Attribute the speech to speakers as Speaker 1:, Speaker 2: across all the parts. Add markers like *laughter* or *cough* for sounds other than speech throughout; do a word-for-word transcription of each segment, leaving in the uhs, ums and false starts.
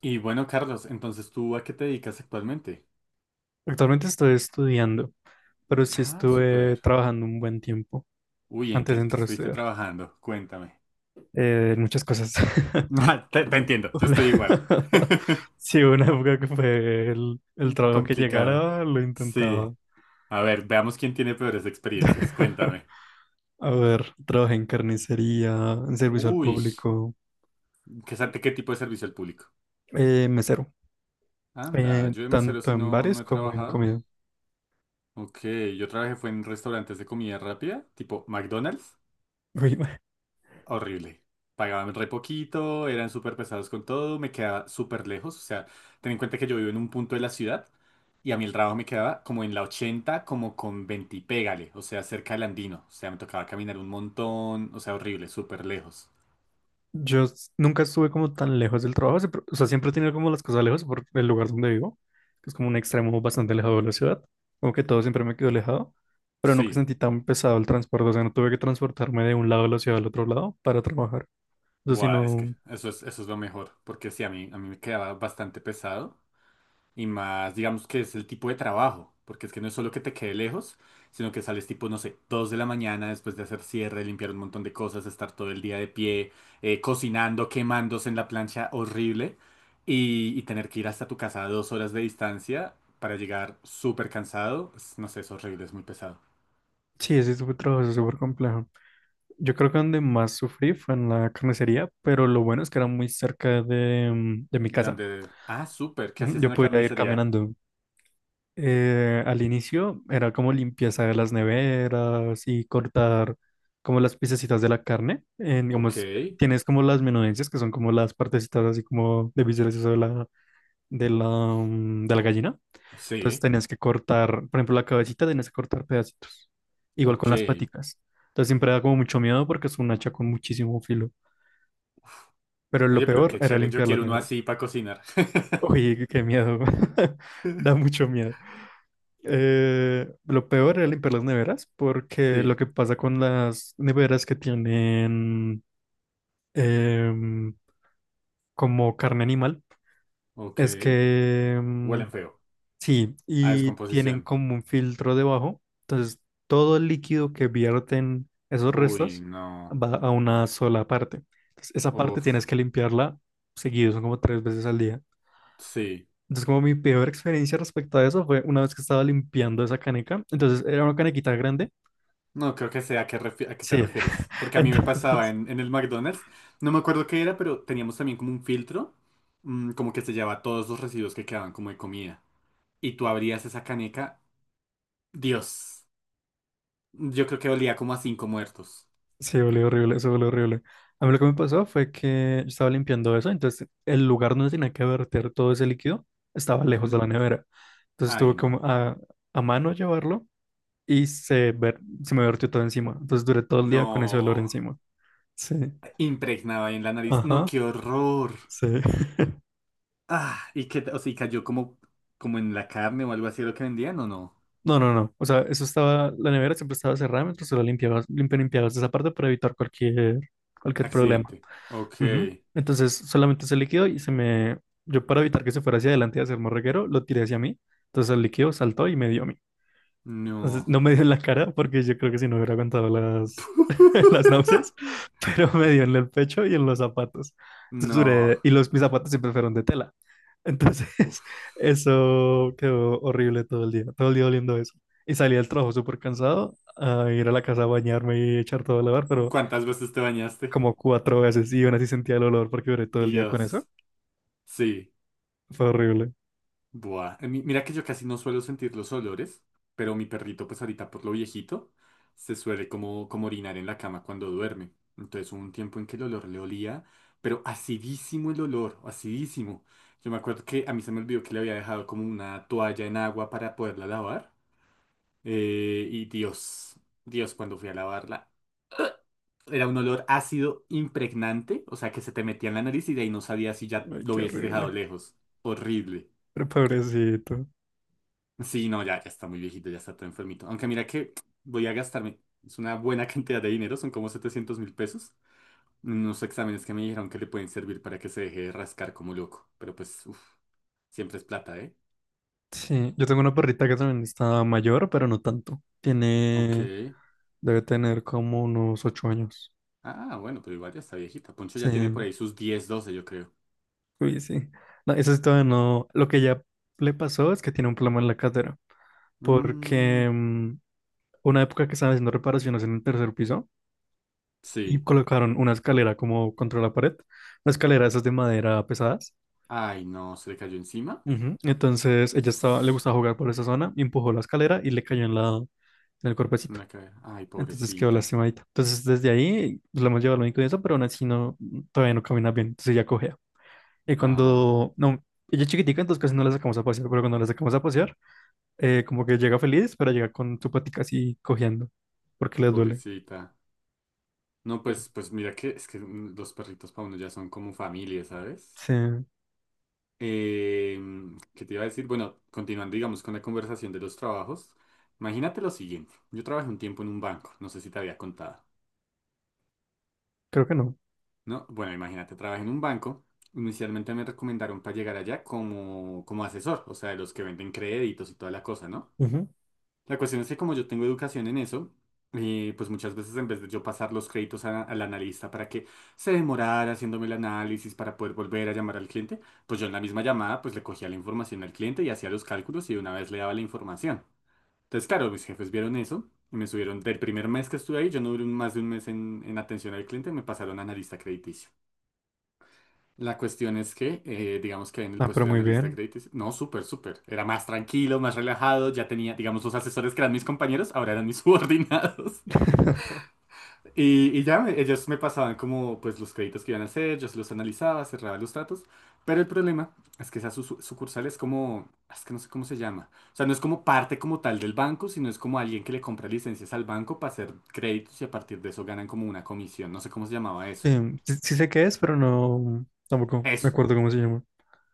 Speaker 1: Y bueno, Carlos, entonces ¿tú a qué te dedicas actualmente?
Speaker 2: Actualmente estoy estudiando, pero sí
Speaker 1: Ah,
Speaker 2: estuve
Speaker 1: súper.
Speaker 2: trabajando un buen tiempo
Speaker 1: Uy, ¿en
Speaker 2: antes de
Speaker 1: qué, qué
Speaker 2: entrar a
Speaker 1: estuviste
Speaker 2: estudiar.
Speaker 1: trabajando? Cuéntame. *laughs*
Speaker 2: Eh, muchas cosas. *laughs*
Speaker 1: Ah, Te, te entiendo, yo
Speaker 2: Hola.
Speaker 1: estoy igual.
Speaker 2: *laughs*
Speaker 1: *laughs*
Speaker 2: Sí, hubo una época que fue el, el trabajo que
Speaker 1: Complicado.
Speaker 2: llegara, lo
Speaker 1: Sí.
Speaker 2: intentaba.
Speaker 1: A ver, veamos quién tiene peores experiencias.
Speaker 2: *laughs*
Speaker 1: Cuéntame.
Speaker 2: A ver, trabajé en carnicería, en servicio al
Speaker 1: Uy,
Speaker 2: público,
Speaker 1: ¿qué, sa- qué tipo de servicio al público?
Speaker 2: eh, mesero,
Speaker 1: Anda,
Speaker 2: eh,
Speaker 1: yo de mesero
Speaker 2: tanto
Speaker 1: sí
Speaker 2: en
Speaker 1: no,
Speaker 2: bares
Speaker 1: no he
Speaker 2: como en
Speaker 1: trabajado.
Speaker 2: comida.
Speaker 1: Ok, yo trabajé fue en restaurantes de comida rápida, tipo McDonald's.
Speaker 2: Uy. *laughs*
Speaker 1: Horrible. Pagaban re poquito, eran súper pesados con todo, me quedaba súper lejos. O sea, ten en cuenta que yo vivo en un punto de la ciudad y a mí el trabajo me quedaba como en la ochenta como con veinte y pégale, o sea, cerca del Andino. O sea, me tocaba caminar un montón, o sea, horrible, súper lejos.
Speaker 2: Yo s- nunca estuve como tan lejos del trabajo, siempre... O sea, siempre he tenido como las cosas lejos por el lugar donde vivo, que es como un extremo bastante alejado de la ciudad, como que todo siempre me quedó alejado, pero nunca
Speaker 1: Sí,
Speaker 2: sentí tan pesado el transporte. O sea, no tuve que transportarme de un lado de la ciudad al otro lado para trabajar. O sea,
Speaker 1: buah, es que
Speaker 2: sino,
Speaker 1: eso es, eso es lo mejor, porque sí, a mí, a mí me quedaba bastante pesado. Y más, digamos que es el tipo de trabajo, porque es que no es solo que te quede lejos, sino que sales tipo, no sé, dos de la mañana después de hacer cierre, limpiar un montón de cosas, estar todo el día de pie, eh, cocinando, quemándose en la plancha horrible y, y tener que ir hasta tu casa a dos horas de distancia para llegar súper cansado. es- No sé, es horrible, es muy pesado.
Speaker 2: sí, ese fue trabajo súper complejo. Yo creo que donde más sufrí fue en la carnicería, pero lo bueno es que era muy cerca de, mm, de mi
Speaker 1: ¿De
Speaker 2: casa.
Speaker 1: dónde? Ah, súper, ¿qué
Speaker 2: Ujú.
Speaker 1: hacías
Speaker 2: Yo
Speaker 1: en la
Speaker 2: podía ir
Speaker 1: carnicería?
Speaker 2: caminando. Eh, al inicio era como limpieza de las neveras y cortar como las piececitas de la carne. En,
Speaker 1: Ok,
Speaker 2: digamos, tienes como las menudencias, que son como las partecitas así como de vísceras y eso de la, de la, mm, de la gallina. Entonces
Speaker 1: sí,
Speaker 2: tenías que cortar, por ejemplo, la cabecita, tenías que cortar pedacitos. Igual con
Speaker 1: ok.
Speaker 2: las paticas. Entonces siempre da como mucho miedo porque es un hacha con muchísimo filo. Pero lo
Speaker 1: Oye, pero
Speaker 2: peor
Speaker 1: qué
Speaker 2: era
Speaker 1: chévere, yo
Speaker 2: limpiar las
Speaker 1: quiero uno así
Speaker 2: neveras.
Speaker 1: para cocinar. *laughs*
Speaker 2: Uy, qué miedo. *laughs* Da mucho miedo. Eh, lo peor era limpiar las neveras, porque lo
Speaker 1: Sí,
Speaker 2: que pasa con las neveras que tienen em, como carne animal
Speaker 1: ok.
Speaker 2: es que em,
Speaker 1: Huelen feo.
Speaker 2: sí,
Speaker 1: A
Speaker 2: y tienen
Speaker 1: descomposición.
Speaker 2: como un filtro debajo, entonces todo el líquido que vierten esos
Speaker 1: Uy,
Speaker 2: restos
Speaker 1: no.
Speaker 2: va a una sola parte. Entonces, esa parte
Speaker 1: Uf,
Speaker 2: tienes que limpiarla seguido, son como tres veces al día.
Speaker 1: sí.
Speaker 2: Entonces, como mi peor experiencia respecto a eso fue una vez que estaba limpiando esa caneca, entonces era una canequita grande.
Speaker 1: No creo que sea a qué, refi- a qué te
Speaker 2: Sí.
Speaker 1: refieres. Porque a mí me pasaba
Speaker 2: Entonces,
Speaker 1: en, en el McDonald's. No me acuerdo qué era, pero teníamos también como un filtro. Mm, como que se llevaba todos los residuos que quedaban como de comida. Y tú abrías esa caneca. Dios. Yo creo que olía como a cinco muertos.
Speaker 2: *laughs* sí, volvió horrible, eso volvió horrible. A mí lo que me pasó fue que yo estaba limpiando eso, entonces el lugar donde tenía que verter todo ese líquido estaba lejos de
Speaker 1: Ujú.
Speaker 2: la nevera. Entonces tuve
Speaker 1: Ay,
Speaker 2: como
Speaker 1: no.
Speaker 2: a, a mano llevarlo y se, ver, se me vertió todo encima. Entonces duré todo el día con ese olor
Speaker 1: No.
Speaker 2: encima. Sí,
Speaker 1: Impregnaba ahí en la nariz. No,
Speaker 2: ajá,
Speaker 1: qué horror.
Speaker 2: sí. *laughs*
Speaker 1: Ah, y que, o sea, y cayó como, como en la carne o algo así lo que vendían, ¿o no?
Speaker 2: No, no, no. O sea, eso estaba, la nevera siempre estaba cerrada mientras tú la limpiabas, limpi- limpiabas esa parte para evitar cualquier, cualquier problema.
Speaker 1: Accidente. Ok.
Speaker 2: Ujú. Entonces solamente ese líquido y se me... Yo para evitar que se fuera hacia adelante y hacer morreguero, lo tiré hacia mí. Entonces el líquido saltó y me dio a mí. Entonces
Speaker 1: No.
Speaker 2: no me dio en la cara porque yo creo que si no hubiera aguantado las, *laughs* las náuseas,
Speaker 1: *laughs*
Speaker 2: pero me dio en el pecho y en los zapatos. Entonces
Speaker 1: No.
Speaker 2: duré- Y los, mis zapatos siempre fueron de tela. Entonces
Speaker 1: Uf.
Speaker 2: *laughs* eso quedó horrible todo el día, todo el día oliendo eso. Y salí del trabajo súper cansado a ir a la casa a bañarme y echar todo a lavar, pero
Speaker 1: ¿Cuántas veces te bañaste?
Speaker 2: como cuatro veces y aún así sentía el olor porque duré todo el día con eso.
Speaker 1: Dios. Sí.
Speaker 2: Fue horrible.
Speaker 1: Buah. Eh, mi- Mira que yo casi no suelo sentir los olores, pero mi perrito, pues ahorita por lo viejito, se suele como, como orinar en la cama cuando duerme. Entonces hubo un tiempo en que el olor le olía, pero acidísimo el olor, acidísimo. Yo me acuerdo que a mí se me olvidó que le había dejado como una toalla en agua para poderla lavar. Eh, y Dios, Dios, cuando fui a lavarla, era un olor ácido impregnante, o sea que se te metía en la nariz y de ahí no sabía si ya
Speaker 2: Ay,
Speaker 1: lo
Speaker 2: qué
Speaker 1: hubieses dejado
Speaker 2: horrible.
Speaker 1: lejos. Horrible.
Speaker 2: Pero pobrecito.
Speaker 1: Sí, no, ya, ya está muy viejito, ya está todo enfermito. Aunque mira que voy a gastarme, es una buena *laughs* cantidad de dinero, son como setecientos mil pesos. En unos exámenes que me dijeron que le pueden servir para que se deje de rascar como loco. Pero pues, uff, siempre es plata, ¿eh?
Speaker 2: Sí, yo tengo una perrita que también está mayor, pero no tanto.
Speaker 1: Ok.
Speaker 2: Tiene, debe tener como unos ocho años.
Speaker 1: Ah, bueno, pero igual ya está viejita. Poncho
Speaker 2: Sí,
Speaker 1: ya tiene por ahí sus diez doce yo creo.
Speaker 2: uy, sí. No, eso es todavía no. Lo que ya le pasó es que tiene un problema en la cadera.
Speaker 1: Mm,
Speaker 2: Porque mm, una época que estaban haciendo reparaciones en el tercer piso y
Speaker 1: sí.
Speaker 2: colocaron una escalera como contra la pared, una escalera esas de madera pesadas.
Speaker 1: Ay, no, se le cayó encima.
Speaker 2: Ujú. Entonces ella estaba, le gustaba jugar por esa zona, y empujó la escalera y le cayó en la, en el
Speaker 1: En
Speaker 2: cuerpecito.
Speaker 1: la cabeza. Ay,
Speaker 2: Entonces quedó
Speaker 1: pobrecita.
Speaker 2: lastimadita. Entonces desde ahí pues, la hemos llevado al médico y eso, pero aún así no, todavía no camina bien. Entonces ella cojea. Y
Speaker 1: Ah,
Speaker 2: cuando, no, ella es chiquitica, entonces casi no la sacamos a pasear, pero cuando la sacamos a pasear, eh, como que llega feliz, pero llega con su patica así cojeando, porque le duele.
Speaker 1: pobrecita. No,
Speaker 2: Sí.
Speaker 1: pues, pues mira que es que mm, los perritos para uno ya son como familia, ¿sabes?
Speaker 2: Sí,
Speaker 1: Eh, ¿Qué te iba a decir? Bueno, continuando, digamos, con la conversación de los trabajos. Imagínate lo siguiente. Yo trabajé un tiempo en un banco, no sé si te había contado,
Speaker 2: creo que no.
Speaker 1: ¿no? Bueno, imagínate, trabajé en un banco. Inicialmente me recomendaron para llegar allá como, como asesor, o sea, de los que venden créditos y toda la cosa, ¿no?
Speaker 2: Ujú.
Speaker 1: La cuestión es que como yo tengo educación en eso, eh, pues muchas veces en vez de yo pasar los créditos a- al analista para que se demorara haciéndome el análisis para poder volver a llamar al cliente, pues yo en la misma llamada pues le cogía la información al cliente y hacía los cálculos y de una vez le daba la información. Entonces, claro, mis jefes vieron eso y me subieron del primer mes que estuve ahí, yo no duré un- más de un mes en, en atención al cliente, me pasaron a analista crediticio. La cuestión es que, eh, digamos que en el
Speaker 2: Ah, pero
Speaker 1: puesto de
Speaker 2: muy
Speaker 1: analista de
Speaker 2: bien.
Speaker 1: créditos, no, súper, súper. Era más tranquilo, más relajado. Ya tenía, digamos, los asesores que eran mis compañeros, ahora eran mis *laughs* subordinados.
Speaker 2: *laughs*
Speaker 1: Y, y ya me- ellos me pasaban como, pues, los créditos que iban a hacer, yo se los analizaba, cerraba los tratos. Pero el problema es que esa su- su- sucursal es como, es que no sé cómo se llama. O sea, no es como parte como tal del banco, sino es como alguien que le compra licencias al banco para hacer créditos y a partir de eso ganan como una comisión. No sé cómo se llamaba
Speaker 2: Sí,
Speaker 1: eso.
Speaker 2: sí, sí sé qué es, pero no, tampoco me
Speaker 1: Eso.
Speaker 2: acuerdo cómo se llama.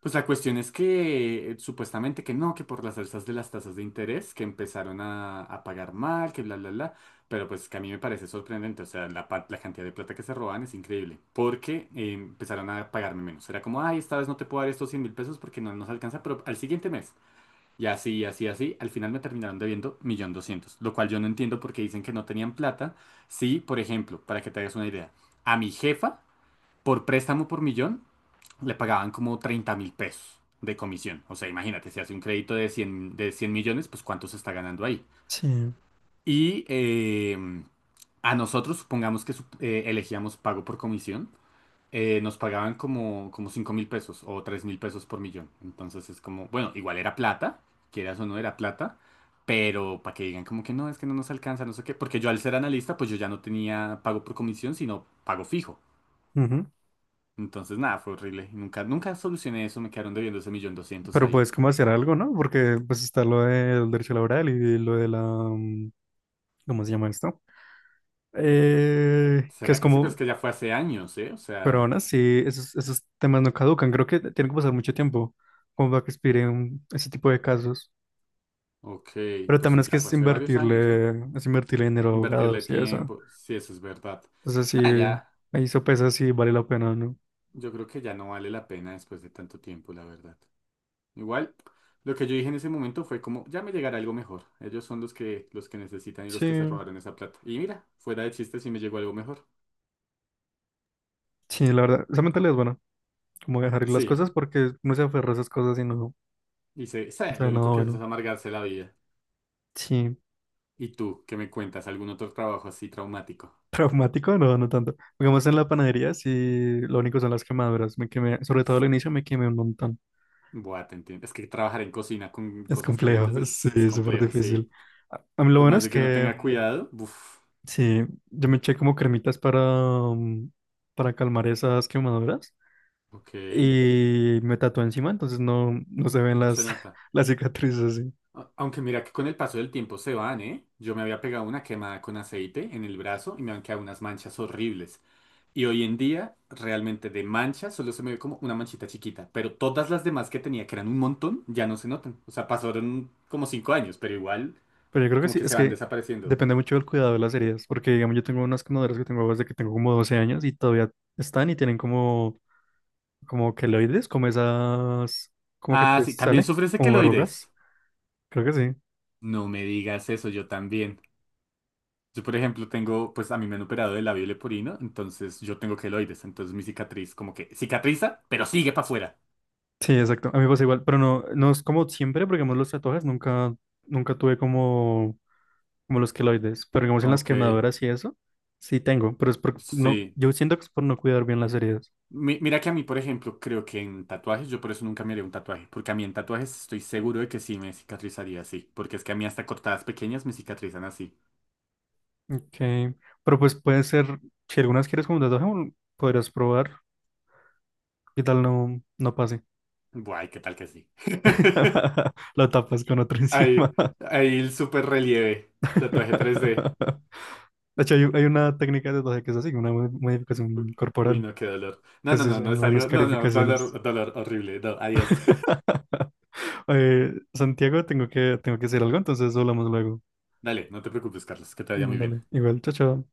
Speaker 1: Pues la cuestión es que eh, supuestamente que no, que por las alzas de las tasas de interés que empezaron a, a pagar mal, que bla, bla, bla, pero pues que a mí me parece sorprendente, o sea, la, pa- la cantidad de plata que se roban es increíble, porque eh, empezaron a pagarme menos, era como, ay, esta vez no te puedo dar estos cien mil pesos porque no nos alcanza, pero al siguiente mes, y así, así, así, al final me terminaron debiendo un millón doscientos mil, lo cual yo no entiendo porque dicen que no tenían plata, si, por ejemplo, para que te hagas una idea, a mi jefa, por préstamo por millón le pagaban como treinta mil pesos de comisión. O sea, imagínate, si hace un crédito de cien de cien millones, pues cuánto se está ganando ahí.
Speaker 2: Sí.
Speaker 1: Y eh, a nosotros, supongamos que su- eh, elegíamos pago por comisión, eh, nos pagaban como, como cinco mil pesos o tres mil pesos por millón. Entonces es como, bueno, igual era plata, quieras o no era plata. Pero para que digan como que no, es que no nos alcanza, no sé qué, porque yo al ser analista, pues yo ya no tenía pago por comisión, sino pago fijo.
Speaker 2: Ujú.
Speaker 1: Entonces, nada, fue horrible. Y Nunca, nunca solucioné eso, me quedaron debiendo ese millón doscientos
Speaker 2: Pero
Speaker 1: ahí.
Speaker 2: puedes como hacer algo, ¿no? Porque pues está lo del derecho laboral y lo de la... mm, ¿Cómo se llama esto? Eh, que
Speaker 1: ¿Será
Speaker 2: es
Speaker 1: que sí? Pero es
Speaker 2: como...
Speaker 1: que ya fue hace años, ¿eh? O
Speaker 2: Pero aún
Speaker 1: sea,
Speaker 2: así, esos, esos temas no caducan. Creo que tiene que pasar mucho tiempo como para que expiren ese tipo de casos.
Speaker 1: ok,
Speaker 2: Pero
Speaker 1: pues
Speaker 2: también es que
Speaker 1: ya fue
Speaker 2: es
Speaker 1: hace varios años, ¿eh?
Speaker 2: invertirle, es invertirle dinero a
Speaker 1: Invertirle
Speaker 2: abogados y eso.
Speaker 1: tiempo, sí, eso es verdad.
Speaker 2: Entonces
Speaker 1: Nada,
Speaker 2: sí,
Speaker 1: ya,
Speaker 2: ahí sopesa si vale la pena o no.
Speaker 1: yo creo que ya no vale la pena después de tanto tiempo, la verdad. Igual, lo que yo dije en ese momento fue como, ya me llegará algo mejor. Ellos son los que, los que, necesitan y los que se
Speaker 2: Sí,
Speaker 1: robaron esa plata. Y mira, fuera de chistes sí me llegó algo mejor.
Speaker 2: sí, la verdad. Esa mentalidad es buena. Como dejar ir las
Speaker 1: Sí,
Speaker 2: cosas porque no se aferra a esas cosas y no,
Speaker 1: y sé,
Speaker 2: no
Speaker 1: sé,
Speaker 2: sabe
Speaker 1: lo único
Speaker 2: nada
Speaker 1: que hace
Speaker 2: bueno.
Speaker 1: es amargarse la vida.
Speaker 2: Sí.
Speaker 1: ¿Y tú qué me cuentas? ¿Algún otro trabajo así traumático?
Speaker 2: Traumático, no, no tanto. Digamos en la panadería, sí, lo único son las quemaduras. Me quemé, sobre todo al inicio me quemé un montón.
Speaker 1: Buah, te entiendo. Es que trabajar en cocina con
Speaker 2: Es
Speaker 1: cosas
Speaker 2: complejo,
Speaker 1: calientes
Speaker 2: *laughs* sí,
Speaker 1: es, es
Speaker 2: es súper
Speaker 1: complejo, sí.
Speaker 2: difícil. A, a mí lo
Speaker 1: Por
Speaker 2: bueno
Speaker 1: más
Speaker 2: es
Speaker 1: de que uno
Speaker 2: que,
Speaker 1: tenga
Speaker 2: mm,
Speaker 1: cuidado, uff,
Speaker 2: sí, yo me eché como cremitas para, mm, para calmar esas quemaduras
Speaker 1: ok,
Speaker 2: y me tatué encima, entonces no, no se ven
Speaker 1: no se
Speaker 2: las,
Speaker 1: nota.
Speaker 2: *laughs* las cicatrices, sí.
Speaker 1: A- Aunque mira que con el paso del tiempo se van, ¿eh? Yo me había pegado una quemada con aceite en el brazo y me han quedado unas manchas horribles. Y hoy en día, realmente de manchas solo se me ve como una manchita chiquita. Pero todas las demás que tenía, que eran un montón, ya no se notan. O sea, pasaron como cinco años, pero igual
Speaker 2: Pero yo creo que
Speaker 1: como
Speaker 2: sí,
Speaker 1: que se
Speaker 2: es
Speaker 1: van
Speaker 2: que
Speaker 1: desapareciendo.
Speaker 2: depende mucho del cuidado de las heridas, porque digamos yo tengo unas quemaduras que tengo desde que tengo como doce años y todavía están y tienen como como queloides, como esas, como que
Speaker 1: Ah,
Speaker 2: te
Speaker 1: sí, también
Speaker 2: sale,
Speaker 1: sufres de
Speaker 2: como verrugas,
Speaker 1: queloides.
Speaker 2: creo que sí.
Speaker 1: No me digas eso, yo también. Yo, por ejemplo, tengo, pues a mí me han operado del labio leporino, entonces yo tengo queloides, entonces mi cicatriz como que cicatriza, pero sigue para afuera.
Speaker 2: Sí, exacto, a mí me pasa igual, pero no, no es como siempre, porque digamos los tatuajes nunca, nunca tuve como, como los queloides, pero digamos en las
Speaker 1: Ok,
Speaker 2: quemaduras y eso, sí tengo, pero es por, no,
Speaker 1: sí.
Speaker 2: yo siento que es por no cuidar bien las heridas.
Speaker 1: Mi- mira que a mí, por ejemplo, creo que en tatuajes, yo por eso nunca me haría un tatuaje, porque a mí en tatuajes estoy seguro de que sí me cicatrizaría así, porque es que a mí hasta cortadas pequeñas me cicatrizan así.
Speaker 2: Ok, pero pues puede ser, si algunas quieres como un tatuaje, un- podrías probar, qué tal no, no pase.
Speaker 1: Guay, ¿qué tal que sí? *laughs*
Speaker 2: *laughs* Lo tapas con otro encima.
Speaker 1: Ahí, ahí el super relieve, tatuaje tres d.
Speaker 2: *laughs* De hecho, hay, hay una técnica de tatuaje que es así, una mo- modificación
Speaker 1: Uy,
Speaker 2: corporal,
Speaker 1: no, qué dolor. No,
Speaker 2: que
Speaker 1: no,
Speaker 2: se
Speaker 1: no, no es
Speaker 2: llaman
Speaker 1: algo. No, no,
Speaker 2: escarificaciones.
Speaker 1: dolor, dolor horrible. No, adiós. *laughs*
Speaker 2: *laughs* Oye, Santiago, tengo que, tengo que hacer algo, entonces hablamos luego.
Speaker 1: Dale, no te preocupes, Carlos, que te vaya
Speaker 2: Mm,
Speaker 1: muy bien.
Speaker 2: Dale, igual, chao, chao.